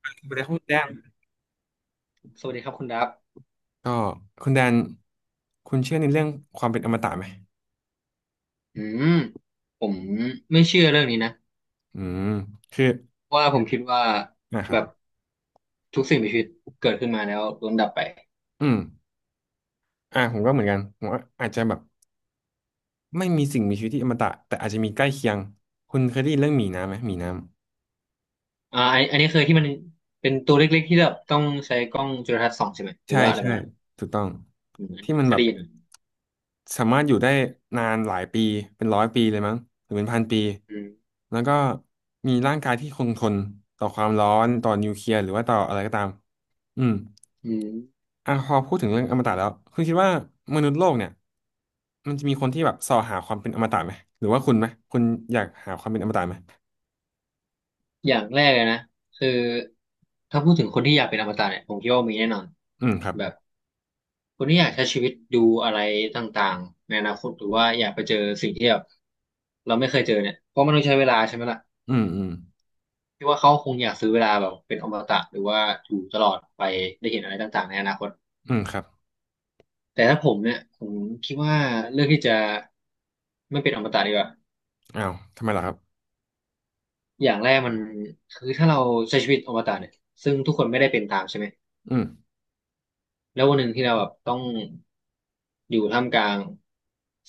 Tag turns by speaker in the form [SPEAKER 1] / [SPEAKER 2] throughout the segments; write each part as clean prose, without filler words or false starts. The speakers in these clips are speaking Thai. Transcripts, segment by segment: [SPEAKER 1] ไปแล้ครับคุณแดน
[SPEAKER 2] สวัสดีครับคุณดับ
[SPEAKER 1] ก็คุณแดนคุณเชื่อในเรื่องความเป็นอมตะไหม
[SPEAKER 2] อืมผมไม่เชื่อเรื่องนี้นะ
[SPEAKER 1] อืมคือ
[SPEAKER 2] เพราะว่าผมคิดว่า
[SPEAKER 1] นะค
[SPEAKER 2] แบ
[SPEAKER 1] รับ
[SPEAKER 2] บทุกสิ่งมีชีวิตเกิดขึ้นมาแล้วล้วนดับไป
[SPEAKER 1] อืมผมก็เหมือนกันผมว่าอาจจะแบบไม่มีสิ่งมีชีวิตที่อมตะแต่อาจจะมีใกล้เคียงคุณเคยได้ยินเรื่องหมีน้ำไหมหมีน้ำ
[SPEAKER 2] ไอันนี้เคยที่มันเป็นตัวเล็กๆที่แบบต้องใช้กล้องจุลทรรศน์ส่องใช่ไหมหรือ
[SPEAKER 1] ใช่
[SPEAKER 2] ว่าอะไรป
[SPEAKER 1] ใช่
[SPEAKER 2] ระมาณนั้น
[SPEAKER 1] ถูกต้อง
[SPEAKER 2] อืม
[SPEAKER 1] ที่มัน
[SPEAKER 2] อั
[SPEAKER 1] แบ
[SPEAKER 2] น
[SPEAKER 1] บ
[SPEAKER 2] นี้เคยได้ยินไหม
[SPEAKER 1] สามารถอยู่ได้นานหลายปีเป็นร้อยปีเลยมั้งหรือเป็นพันปี
[SPEAKER 2] อืม
[SPEAKER 1] แล้วก็มีร่างกายที่คงทนต่อความร้อนต่อนิวเคลียร์หรือว่าต่ออะไรก็ตามอืม
[SPEAKER 2] อืม
[SPEAKER 1] อ่ะพอพูดถึงเรื่องอมตะแล้วคุณคิดว่ามนุษย์โลกเนี่ยมันจะมีคนที่แบบส่อหาความเป็นอมตะไหมหรือว่าคุณไหมคุณอยากหาความเป็นอมตะไหม
[SPEAKER 2] อย่างแรกเลยนะคือถ้าพูดถึงคนที่อยากเป็นอมตะเนี่ยผมคิดว่ามีแน่นอน
[SPEAKER 1] อืมครับ
[SPEAKER 2] แบบคนที่อยากใช้ชีวิตดูอะไรต่างๆในอนาคตหรือว่าอยากไปเจอสิ่งที่แบบเราไม่เคยเจอเนี่ยเพราะมันต้องใช้เวลาใช่ไหมล่ะ
[SPEAKER 1] อืมอืม
[SPEAKER 2] พี่ว่าเขาคงอยากซื้อเวลาแบบเป็นอมตะหรือว่าอยู่ตลอดไปได้เห็นอะไรต่างๆในอนาคต
[SPEAKER 1] อืมครับ
[SPEAKER 2] แต่ถ้าผมเนี่ยผมคิดว่าเลือกที่จะไม่เป็นอมตะดีกว่า
[SPEAKER 1] อ้าวทำไมล่ะครับ
[SPEAKER 2] อย่างแรกมันคือถ้าเราใช้ชีวิตอมตะเนี่ยซึ่งทุกคนไม่ได้เป็นตามใช่ไหม
[SPEAKER 1] อืม
[SPEAKER 2] แล้ววันหนึ่งที่เราแบบต้องอยู่ท่ามกลาง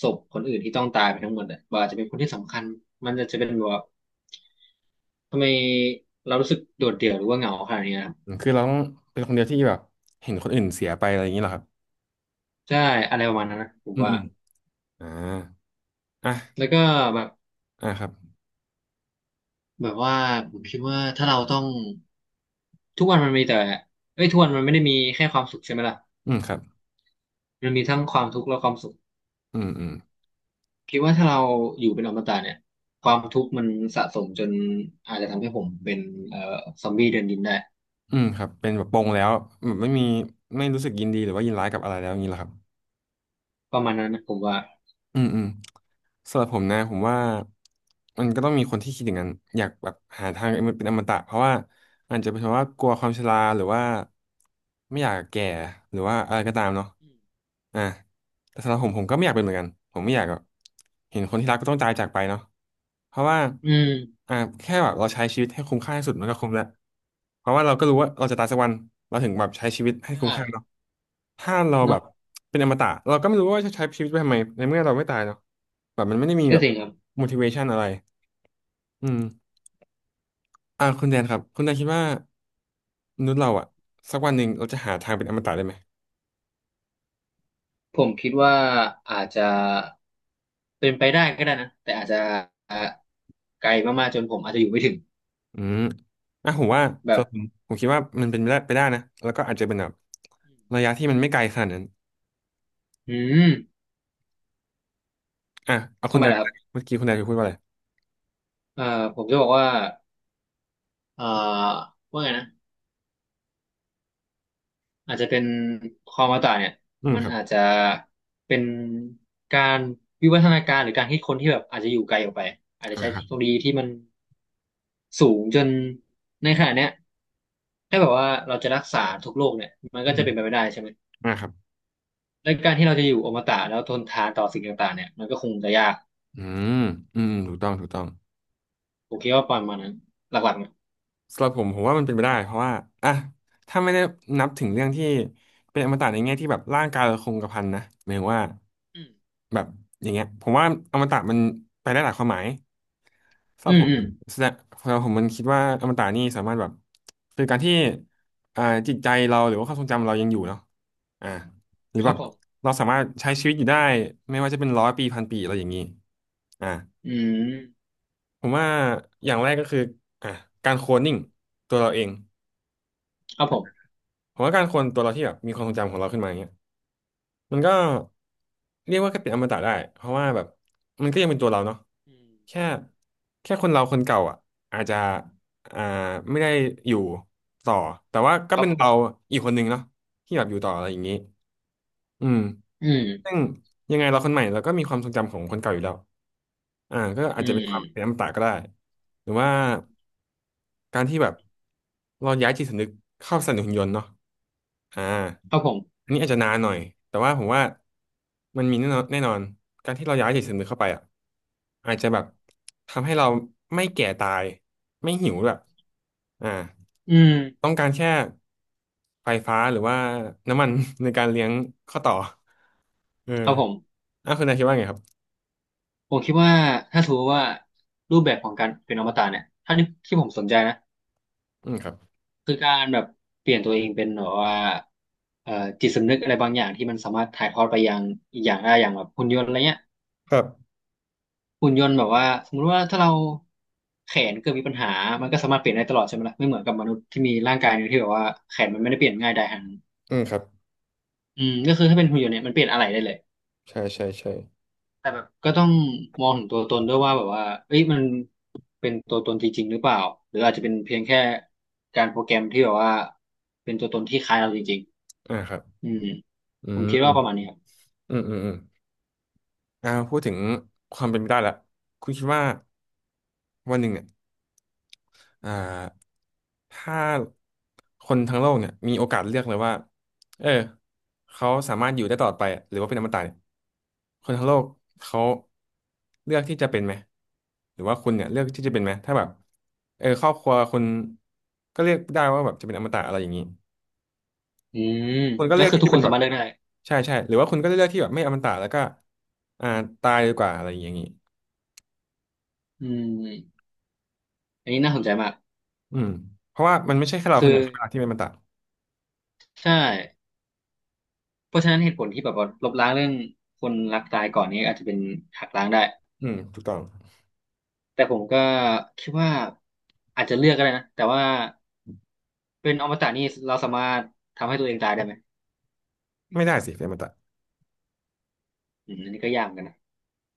[SPEAKER 2] ศพคนอื่นที่ต้องตายไปทั้งหมดอะว่าอาจจะเป็นคนที่สำคัญมันจะเป็นแบบว่าทำไมเรารู้สึกโดดเดี่ยวหรือว่าเหงาขนาดนี้นะ
[SPEAKER 1] อืมคือเราต้องเป็นคนเดียวที่แบบเห็นคนอื่นเสียไปอะไรอย่างนี้เหรอครับ
[SPEAKER 2] ใช่อะไรประมาณนั้นนะผม
[SPEAKER 1] อืม
[SPEAKER 2] ว่า
[SPEAKER 1] อืมอ่าอ่ะ
[SPEAKER 2] แล้วก็แบบ
[SPEAKER 1] อ่ะครับ
[SPEAKER 2] แบบว่าผมคิดว่าถ้าเราต้องทุกวันมันมีแต่เอ้ยทุกวันมันไม่ได้มีแค่ความสุขใช่ไหมล่ะ
[SPEAKER 1] อืมครับ
[SPEAKER 2] มันมีทั้งความทุกข์และความสุข
[SPEAKER 1] อืมอืม
[SPEAKER 2] คิดว่าถ้าเราอยู่เป็นอมตะเนี่ยความทุกข์มันสะสมจนอาจจะทำให้ผมเป็นเอ่อซอมบี้เดินดินได้
[SPEAKER 1] อืมครับเป็นแบบปลงแล้วแบบไม่มีไม่รู้สึกยินดีหรือว่ายินร้ายกับอะไรแล้วอย่างนี้เหรอครับ
[SPEAKER 2] ประมาณนั้นนะผมว่า
[SPEAKER 1] อืมอืม สำหรับผมนะผมว่ามันก็ต้องมีคนที่คิดอย่างนั้นอยากแบบหาทางเป็นอมตะเพราะว่าอาจจะเป็นเพราะว่ากลัวความชราหรือว่าไม่อยากแก่หรือว่าอะไรก็ตามเนาะ
[SPEAKER 2] อืม
[SPEAKER 1] อ่ะแต่สำหรับผมผมก็ไม่อยากเป็นเหมือนกันผมไม่อยากแบบเห็นคนที่รักก็ต้องตายจากไปเนาะเพราะว่า
[SPEAKER 2] อืม
[SPEAKER 1] อ่าแค่แบบเราใช้ชีวิตให้คุ้มค่าที่สุดมันก็คุ้มแล้วเพราะว่าเราก็รู้ว่าเราจะตายสักวันเราถึงแบบใช้ชีวิตให้คุ้ม
[SPEAKER 2] ใช่
[SPEAKER 1] ค่าเนาะ ถ้าเราแบ
[SPEAKER 2] เนาะ
[SPEAKER 1] บเป็นอมตะเราก็ไม่รู้ว่าจะใช้ชีวิตไปทำไมในเมื่อเราไม่ตายเนาะแบบมันไม่ได้มี
[SPEAKER 2] ก็
[SPEAKER 1] แบบ
[SPEAKER 2] จริงครับ
[SPEAKER 1] motivation อะไรอืมคุณแดนครับคุณแดนคิดว่ามนุษย์เราอะสักวันหนึ่งเราจะหาทางเป็นอมตะได้ไหม
[SPEAKER 2] ผมคิดว่าอาจจะเป็นไปได้ก็ได้นะแต่อาจจะไกลมากๆจนผมอาจจะอยู่ไม่ถึง
[SPEAKER 1] อืมอ่ะผมว่าสำห
[SPEAKER 2] แบบ
[SPEAKER 1] รับผมผมคิดว่ามันเป็นไปได้ไปได้นะแล้วก็อาจจะเป็นแบบระยะที่มันไม่ไกลขนาดนั้น
[SPEAKER 2] อืม
[SPEAKER 1] อ่ะเอาคุ
[SPEAKER 2] ทำ
[SPEAKER 1] ณ
[SPEAKER 2] ไม
[SPEAKER 1] แดน
[SPEAKER 2] ล่ะค
[SPEAKER 1] ก่
[SPEAKER 2] รั
[SPEAKER 1] อ
[SPEAKER 2] บ
[SPEAKER 1] นเมื่อกี้คุณแดนเคยพูดว่าอะไร
[SPEAKER 2] เอ่อผมจะบอกว่าเอ่อว่าไงนะอาจจะเป็นความอมตะเนี่ย
[SPEAKER 1] อืม
[SPEAKER 2] มัน
[SPEAKER 1] ครับ
[SPEAKER 2] อาจจะเป็นการวิวัฒนาการหรือการคิดค้นที่แบบอาจจะอยู่ไกลออกไปอาจจะใช้
[SPEAKER 1] ค
[SPEAKER 2] เท
[SPEAKER 1] รับ
[SPEAKER 2] คโนโลยีที่มันสูงจนในขณะเนี้ยถ้าแบบว่าเราจะรักษาทุกโรคเนี่ยมัน
[SPEAKER 1] อื
[SPEAKER 2] ก็จะเป็นไป
[SPEAKER 1] ม
[SPEAKER 2] ไม่ได้ใช่ไหม
[SPEAKER 1] ครับ
[SPEAKER 2] และการที่เราจะอยู่อมตะแล้วทนทานต่อสิ่งต่างๆเนี่ยมันก็คงจะยาก
[SPEAKER 1] อืมอืมถูกต้องถูกต้อง
[SPEAKER 2] ผมคิดว่าประมาณนั้นหลักๆนะ
[SPEAKER 1] สำหรับผมผมว่ามันเป็นไปได้เพราะว่าอ่ะถ้าไม่ได้นับถึงเรื่องที่เป็นอมตะในแง่ที่แบบร่างกายเราคงกระพันนะหมายถึงว่า
[SPEAKER 2] อืม
[SPEAKER 1] แบบอย่างเงี้ยผมว่าอมตะมันไปได้หลายความหมายสำห
[SPEAKER 2] อื
[SPEAKER 1] รับ
[SPEAKER 2] ม
[SPEAKER 1] ผม
[SPEAKER 2] อืม
[SPEAKER 1] แสดงสำหรับผมมันคิดว่าอมตะนี่สามารถแบบคือการที่อ่าจิตใจเราหรือว่าความทรงจำเรายังอยู่เนาะอ่าหรือ
[SPEAKER 2] ค
[SPEAKER 1] แบ
[SPEAKER 2] รับ
[SPEAKER 1] บ
[SPEAKER 2] ผม
[SPEAKER 1] เราสามารถใช้ชีวิตอยู่ได้ไม่ว่าจะเป็นร้อยปีพันปีอะไรอย่างนี้อ่า
[SPEAKER 2] อืม
[SPEAKER 1] ผมว่าอย่างแรกก็คืออ่ะการโคลนนิ่งตัวเราเอง
[SPEAKER 2] ครับผม
[SPEAKER 1] ผมว่าการคนตัวเราที่แบบมีความทรงจำของเราขึ้นมาอย่างเงี้ยมันก็เรียกว่าก็เป็นอมตะได้เพราะว่าแบบมันก็ยังเป็นตัวเราเนาะ
[SPEAKER 2] อืม
[SPEAKER 1] แค่แค่คนเราคนเก่าอ่ะอาจจะอ่าไม่ได้อยู่ต่อแต่ว่าก็
[SPEAKER 2] ครับ
[SPEAKER 1] เป็น
[SPEAKER 2] ผ
[SPEAKER 1] เรา
[SPEAKER 2] ม
[SPEAKER 1] อีกคนหนึงเนาะที่แบบอยู่ต่ออะไรอย่างนี้อืม
[SPEAKER 2] อื
[SPEAKER 1] ซึ่
[SPEAKER 2] ม
[SPEAKER 1] งยังไงเราคนใหม่เราก็มีความทรงจำของคนเก่าอยู่แล้วก็อา
[SPEAKER 2] อื
[SPEAKER 1] จจะเป็นความเป็นอ
[SPEAKER 2] ม
[SPEAKER 1] มตะก็ได้หรือว่า การที่แบบเราย้ายจิตสำนึกเข้าสนับสนุนหุ่นยนต์เนาะอ่า
[SPEAKER 2] ครับผม
[SPEAKER 1] อันนี้อาจจะนานหน่อยแต่ว่าผมว่ามันมีแน่นอนแน่นอน การที่เราย้ายจิตสำนึกเข้าไปอ่ะอาจจะแบบทำให้เราไม่แก่ตายไม่หิวด้วยอ่า
[SPEAKER 2] อืม
[SPEAKER 1] ต้องการแค่ไฟฟ้าหรือว่าน้ำมัน ในการเลี้ยงข้อต่อเออ
[SPEAKER 2] ครับผม
[SPEAKER 1] อ่ะคุณนายคิดว่าไงครับ
[SPEAKER 2] ผมคิดว่าถ้าถือว่ารูปแบบของการเป็นอมตะเนี่ยถ้าที่ที่ผมสนใจนะ
[SPEAKER 1] อืมครับ
[SPEAKER 2] คือการแบบเปลี่ยนตัวเองเป็นแบบว่าเอ่อจิตสำนึกอะไรบางอย่างที่มันสามารถถ่ายทอดไปยังอีกอย่างได้อย่างแบบหุ่นยนต์อะไรเงี้ย
[SPEAKER 1] ครับ
[SPEAKER 2] หุ่นยนต์แบบว่าสมมุติว่าถ้าเราแขนเกิดมีปัญหามันก็สามารถเปลี่ยนได้ตลอดใช่ไหมล่ะไม่เหมือนกับมนุษย์ที่มีร่างกายหนึงที่แบบว่าแขนมันไม่ได้เปลี่ยนง่ายได้ขนาดนั้น
[SPEAKER 1] อืมครับ
[SPEAKER 2] อืมก็คือถ้าเป็นหุ่นยนต์เนี่ยมันเปลี่ยนอะไรได้เลย
[SPEAKER 1] ใช่ใช่ใช่
[SPEAKER 2] แต่แบบก็ต้องมองถึงตัวตนด้วยว่าแบบว่าเอ้ยมันเป็นตัวตนจริงๆหรือเปล่าหรืออาจจะเป็นเพียงแค่การโปรแกรมที่แบบว่าเป็นตัวตนที่คล้ายเราจริง
[SPEAKER 1] ครับ
[SPEAKER 2] ๆอืม
[SPEAKER 1] อื
[SPEAKER 2] ผมคิดว่าประมาณ
[SPEAKER 1] ม
[SPEAKER 2] นี้ครับ
[SPEAKER 1] อืมอืมอืม พูดถึงความเป็นไปได้ละคุณคิดว่าวันหนึ่งเนี่ยอ่าถ้าคนทั้งโลกเนี่ยมีโอกาสเลือกเลยว่าเออเขาสามารถอยู่ได้ตลอดไปอะหรือว่าเป็นอมตะเนี่ยคนทั้งโลกเขาเลือกที่จะเป็นไหมหรือว่าคุณเนี่ยเลือกที่จะเป็นไหมถ้าแบบเออครอบครัวคุณก็เลือกได้ว่าแบบจะเป็นอมตะอะไรอย่างนี้
[SPEAKER 2] อืม
[SPEAKER 1] คุณก็
[SPEAKER 2] ก็
[SPEAKER 1] เลือก
[SPEAKER 2] คือ
[SPEAKER 1] ที่
[SPEAKER 2] ทุ
[SPEAKER 1] จะ
[SPEAKER 2] กค
[SPEAKER 1] เป็น
[SPEAKER 2] น
[SPEAKER 1] แบ
[SPEAKER 2] สา
[SPEAKER 1] บ
[SPEAKER 2] มารถเลือกได้
[SPEAKER 1] ใช่ใช่หรือว่าคุณก็เลือกที่แบบไม่อมตะแล้วก็อ่าตายดีกว่าอะไรอย่างนี้
[SPEAKER 2] อืมอันนี้น่าสนใจมาก
[SPEAKER 1] อืมเพราะว่ามันไม่ใช่แค่เราคน
[SPEAKER 2] คื
[SPEAKER 1] เดี
[SPEAKER 2] อ
[SPEAKER 1] ยวใช่ไหมล่ะที่เป็นมันตะ
[SPEAKER 2] ใช่เพราะฉะนั้นเหตุผลที่แบบว่าลบล้างเรื่องคนรักตายก่อนนี้อาจจะเป็นหักล้างได้
[SPEAKER 1] อืมถูกต้อง
[SPEAKER 2] แต่ผมก็คิดว่าอาจจะเลือกก็ได้นะแต่ว่าเป็นอมตะนี่เราสามารถทำให้ตัวเองตายได้ไหม
[SPEAKER 1] ไม่ได้สิเป็นมันตะ
[SPEAKER 2] อืมอันนี้ก็ยากเหมือนกันนะ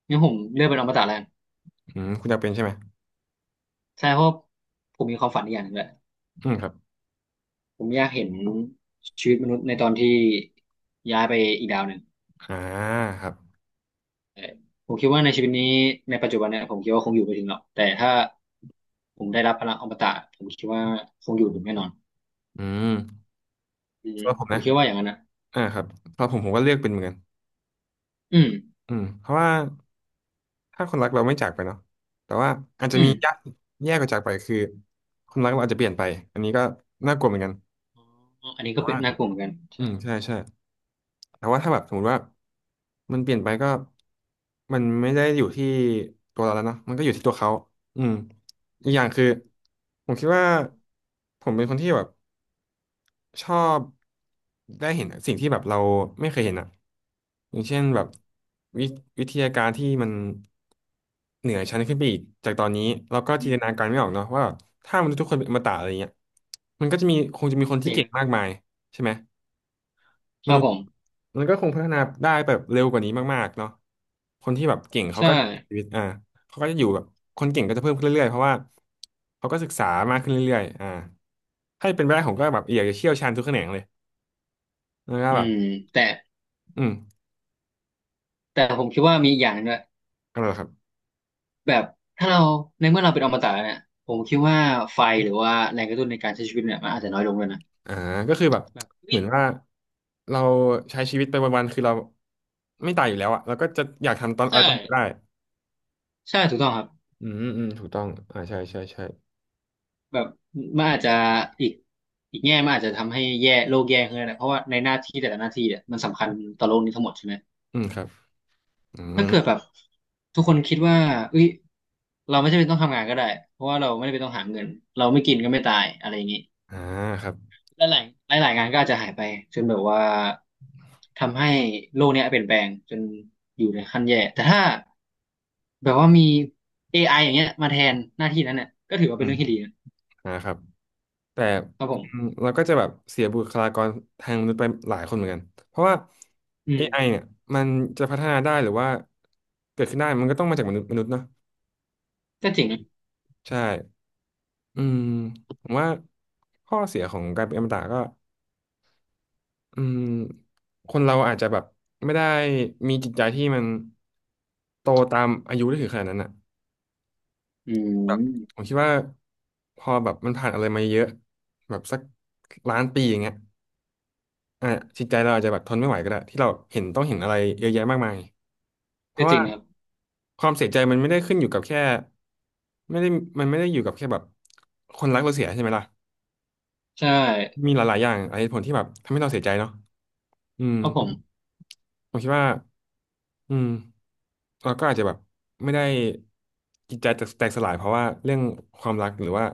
[SPEAKER 2] งั้นผมเลือกเป็นอมตะแล้วกัน
[SPEAKER 1] อืมคุณอยากเป็นใช่ไหม
[SPEAKER 2] ใช่เพราะผมมีความฝันอีกอย่างหนึ่งแหละ
[SPEAKER 1] อืมครับ
[SPEAKER 2] ผมอยากเห็นชีวิตมนุษย์ในตอนที่ย้ายไปอีกดาวหนึ่ง
[SPEAKER 1] อ่าครับ
[SPEAKER 2] เออผมคิดว่าในชีวิตนี้ในปัจจุบันเนี่ยผมคิดว่าคงอยู่ไม่ถึงหรอกแต่ถ้าผมได้รับพลังอมตะผมคิดว่าคงอยู่ถึงแน่นอน
[SPEAKER 1] อืม
[SPEAKER 2] อืม
[SPEAKER 1] สำหรับผม
[SPEAKER 2] ผม
[SPEAKER 1] นะ
[SPEAKER 2] คิดว่าอย่างนั้นนะ
[SPEAKER 1] อ่าครับสำหรับผมก็เลือกเป็นเหมือนกัน
[SPEAKER 2] อืม
[SPEAKER 1] อืมเพราะว่าถ้าคนรักเราไม่จากไปเนาะแต่ว่าอาจจะ
[SPEAKER 2] อื
[SPEAKER 1] มี
[SPEAKER 2] ม
[SPEAKER 1] ยะแย่กว่าจากไปคือคนรักเราอาจจะเปลี่ยนไปอันนี้ก็น่ากลัวเหมือนกัน
[SPEAKER 2] อ๋ออันนี้
[SPEAKER 1] แต่
[SPEAKER 2] ก็เป็
[SPEAKER 1] ว่า
[SPEAKER 2] นน่ากลัวเหมือนกัน
[SPEAKER 1] อื
[SPEAKER 2] ใช่
[SPEAKER 1] มใช่ใช่ แต่ว่าถ้าแบบสมมติว่ามันเปลี่ยนไปก็มันไม่ได้อยู่ที่ตัวเราแล้วเนาะมันก็อยู่ที่ตัวเขาอืมอีก
[SPEAKER 2] อื
[SPEAKER 1] อย่างคือ
[SPEAKER 2] ม
[SPEAKER 1] ผมคิดว่าผมเป็นคนที่แบบชอบได้เห็นสิ่งที่แบบเราไม่เคยเห็นอ่ะอย่างเช่นแบบวิวิทยาการที่มันเหนือชั้นขึ้นไปอีกจากตอนนี้เราก็
[SPEAKER 2] อื
[SPEAKER 1] จิน
[SPEAKER 2] ม
[SPEAKER 1] ตนาการไม่ออกเนาะว่าแบบถ้ามนุษย์ทุกคนเป็นอมตะอะไรเงี้ยมันก็จะมีคงจะมีคน
[SPEAKER 2] จ
[SPEAKER 1] ที่
[SPEAKER 2] ริง
[SPEAKER 1] เก่ง
[SPEAKER 2] นะ
[SPEAKER 1] มากมายใช่ไหม
[SPEAKER 2] ค
[SPEAKER 1] ม
[SPEAKER 2] รับ
[SPEAKER 1] นุษ
[SPEAKER 2] ผ
[SPEAKER 1] ย์
[SPEAKER 2] ม
[SPEAKER 1] มันก็คงพัฒนาได้แบบเร็วกว่านี้มากๆเนาะคนที่แบบเก่งเขา
[SPEAKER 2] ใช่
[SPEAKER 1] ก็ชีวิตอ่าเขาก็จะอยู่แบบคนเก่งก็จะเพิ่มขึ้นเรื่อยๆเพราะว่าเขาก็ศึกษามากขึ้นเรื่อยๆอ่าถ้าเป็นไปได้ผมก็แบบอยากจะเชี่ยวชาญทุกแขนงเลยแล้วก็
[SPEAKER 2] อื
[SPEAKER 1] แบบ
[SPEAKER 2] มแต่
[SPEAKER 1] อืม
[SPEAKER 2] ผมคิดว่ามีอีกอย่างหนึงด้วย
[SPEAKER 1] อะไรเหรอครับ
[SPEAKER 2] แบบถ้าเราในเมื่อเราเป็นอมตะเนี่ยผมคิดว่าไฟหรือว่าแรงกระตุ้นในการใช้ชีวิตเนี่ยมันอาจจะน้อยลงเลยนะ
[SPEAKER 1] อ่าก็คือแบบ
[SPEAKER 2] แบบ
[SPEAKER 1] เห
[SPEAKER 2] นี่
[SPEAKER 1] มือนว่าเราใช้ชีวิตไปวันๆคือเราไม่ตายอยู่แล้วอะเราก็จะอยากทำตอนอะไร
[SPEAKER 2] ใช่
[SPEAKER 1] ตอนไหนก็ได้
[SPEAKER 2] ใช่ถูกต้องครับ
[SPEAKER 1] อืมอืมถูกต้องอ่าใช่ใช่ใช่
[SPEAKER 2] แบบมันอาจจะอีกอีกแง่มันอาจจะทำให้แย่โลกแย่ขึ้นนะเพราะว่าในหน้าที่แต่ละหน้าที่เนี่ยมันสำคัญต่อโลกนี้ทั้งหมดใช่ไหม
[SPEAKER 1] อืมครับอื
[SPEAKER 2] ถ้าเกิด
[SPEAKER 1] ม
[SPEAKER 2] แบบทุกคนคิดว่าเอ้ยเราไม่จำเป็นต้องทำงานก็ได้เพราะว่าเราไม่ได้เป็นต้องหาเงินเราไม่กินก็ไม่ตายอะไรอย่างนี้
[SPEAKER 1] อ่าครับ
[SPEAKER 2] และหลายงานก็อาจจะหายไปจนแบบว่าทำให้โลกเนี้ยเปลี่ยนแปลงจนอยู่ในขั้นแย่แต่ถ้าแบบว่ามี AI อไออย่างเงี้ยมาแทนหน้าที่นั้นเนี่ยก็ถือว่า
[SPEAKER 1] อื
[SPEAKER 2] เป็น
[SPEAKER 1] ม
[SPEAKER 2] เรื่องที่ดีนะ
[SPEAKER 1] อ่าครับ แต่
[SPEAKER 2] ครับผ
[SPEAKER 1] อืม
[SPEAKER 2] ม
[SPEAKER 1] เราก็จะแบบเสียบุคลากรทางมนุษย์ไปหลายคนเหมือนกัน เพราะว่า
[SPEAKER 2] อื
[SPEAKER 1] เอ
[SPEAKER 2] ม
[SPEAKER 1] ไอเนี่ยมันจะพัฒนาได้หรือว่าเกิดขึ้นได้มันก็ต้องมาจากมนุษย์เนาะ
[SPEAKER 2] ก็จริงนะ
[SPEAKER 1] ใช่อืมผมว่าข้อเสียของการเป็นอมตะก็อืมคนเราอาจจะแบบไม่ได้มีจิตใจที่มันโตตามอายุได้ถึงขนาดนั้นอ่ะ
[SPEAKER 2] อื
[SPEAKER 1] แบบผ
[SPEAKER 2] ม
[SPEAKER 1] มคิดว่าพอแบบมันผ่านอะไรมาเยอะแบบสักล้านปีอย่างเงี้ย อ่ะจิตใจเราอาจจะแบบทนไม่ไหวก็ได้ที่เราเห็นต้องเห็นอะไรเยอะแยะมากมายเพ
[SPEAKER 2] ก็
[SPEAKER 1] ราะ
[SPEAKER 2] จ
[SPEAKER 1] ว่า
[SPEAKER 2] ริงนะครับ
[SPEAKER 1] ความเสียใจมันไม่ได้ขึ้นอยู่กับแค่ไม่ได้มันไม่ได้อยู่กับแค่แบบคนรักเราเสียใช่ไหมล่ะ
[SPEAKER 2] ใช่
[SPEAKER 1] มีหลายๆอย่างหลายเหตุผลที่แบบทำให้เราเสียใจเนาะอืม
[SPEAKER 2] ครับผม
[SPEAKER 1] ผมคิดว่าอืมเราก็อาจจะแบบไม่ได้จิตใจแตกสลายเพราะว่าเรื่องความรักหรือว่า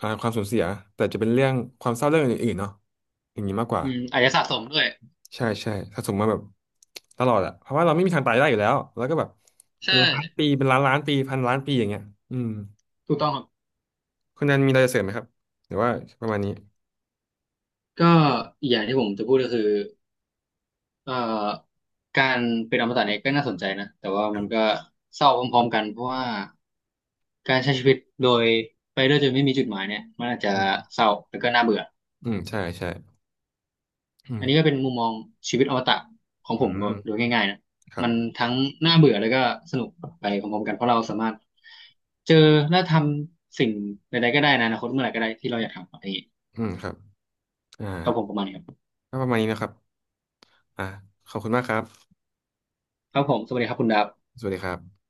[SPEAKER 1] อ่าความสูญเสียแต่จะเป็นเรื่องความเศร้าเรื่องอื่นๆเนาะอย่างนี้มากกว่า
[SPEAKER 2] อืมอาจจะสะสมด้วย
[SPEAKER 1] ใช่ใช่ถ้าสมมติว่าแบบตลอดอะเพราะว่าเราไม่มีทางตายได้อยู่แล้วแล้วก็แบบเป็
[SPEAKER 2] ใช่
[SPEAKER 1] นล้านปีเป็นล้านล้านปีพันล้านปีอย่างเงี้ยอืม
[SPEAKER 2] ถูกต้องครับ
[SPEAKER 1] คุณนันมีอะไรจะเสริมไหมครับหรือว่าประมาณนี้
[SPEAKER 2] ก็อีกอย่างที่ผมจะพูดก็คือเอ่อการเป็นอมตะเนี่ยก็น่าสนใจนะแต่ว่ามันก็เศร้าพร้อมๆกันเพราะว่า การใช้ชีวิตโดยไปด้วยจนไม่มีจุดหมายเนี่ยมันอาจจะ
[SPEAKER 1] อืม
[SPEAKER 2] เศร้าแล้วก็น่าเบื่อ
[SPEAKER 1] อืมใช่ใช่อื
[SPEAKER 2] อั
[SPEAKER 1] ม
[SPEAKER 2] นนี้ก็เป็นมุมมองชีวิตอมตะของ
[SPEAKER 1] อื
[SPEAKER 2] ผมแบ
[SPEAKER 1] ม
[SPEAKER 2] บโดยง่ายๆนะ
[SPEAKER 1] ครั
[SPEAKER 2] มั
[SPEAKER 1] บ
[SPEAKER 2] นทั้งน่าเบื่อแล้วก็สนุกไปพร้อมๆกันเพราะเราสามารถเจอและทำสิ่งใดๆก็ได้ในอนาคตเมื่อไหร่ก็ได้ที่เราอยากทำอะไรอย่างนี้
[SPEAKER 1] อืมครับอ่า
[SPEAKER 2] ครับผมประมาณนี้ครับ
[SPEAKER 1] ก็ประมาณนี้นะครับอ่าขอบคุณมากครับ
[SPEAKER 2] ครับผมสวัสดีครับคุณดาบ
[SPEAKER 1] สวัสดีครับ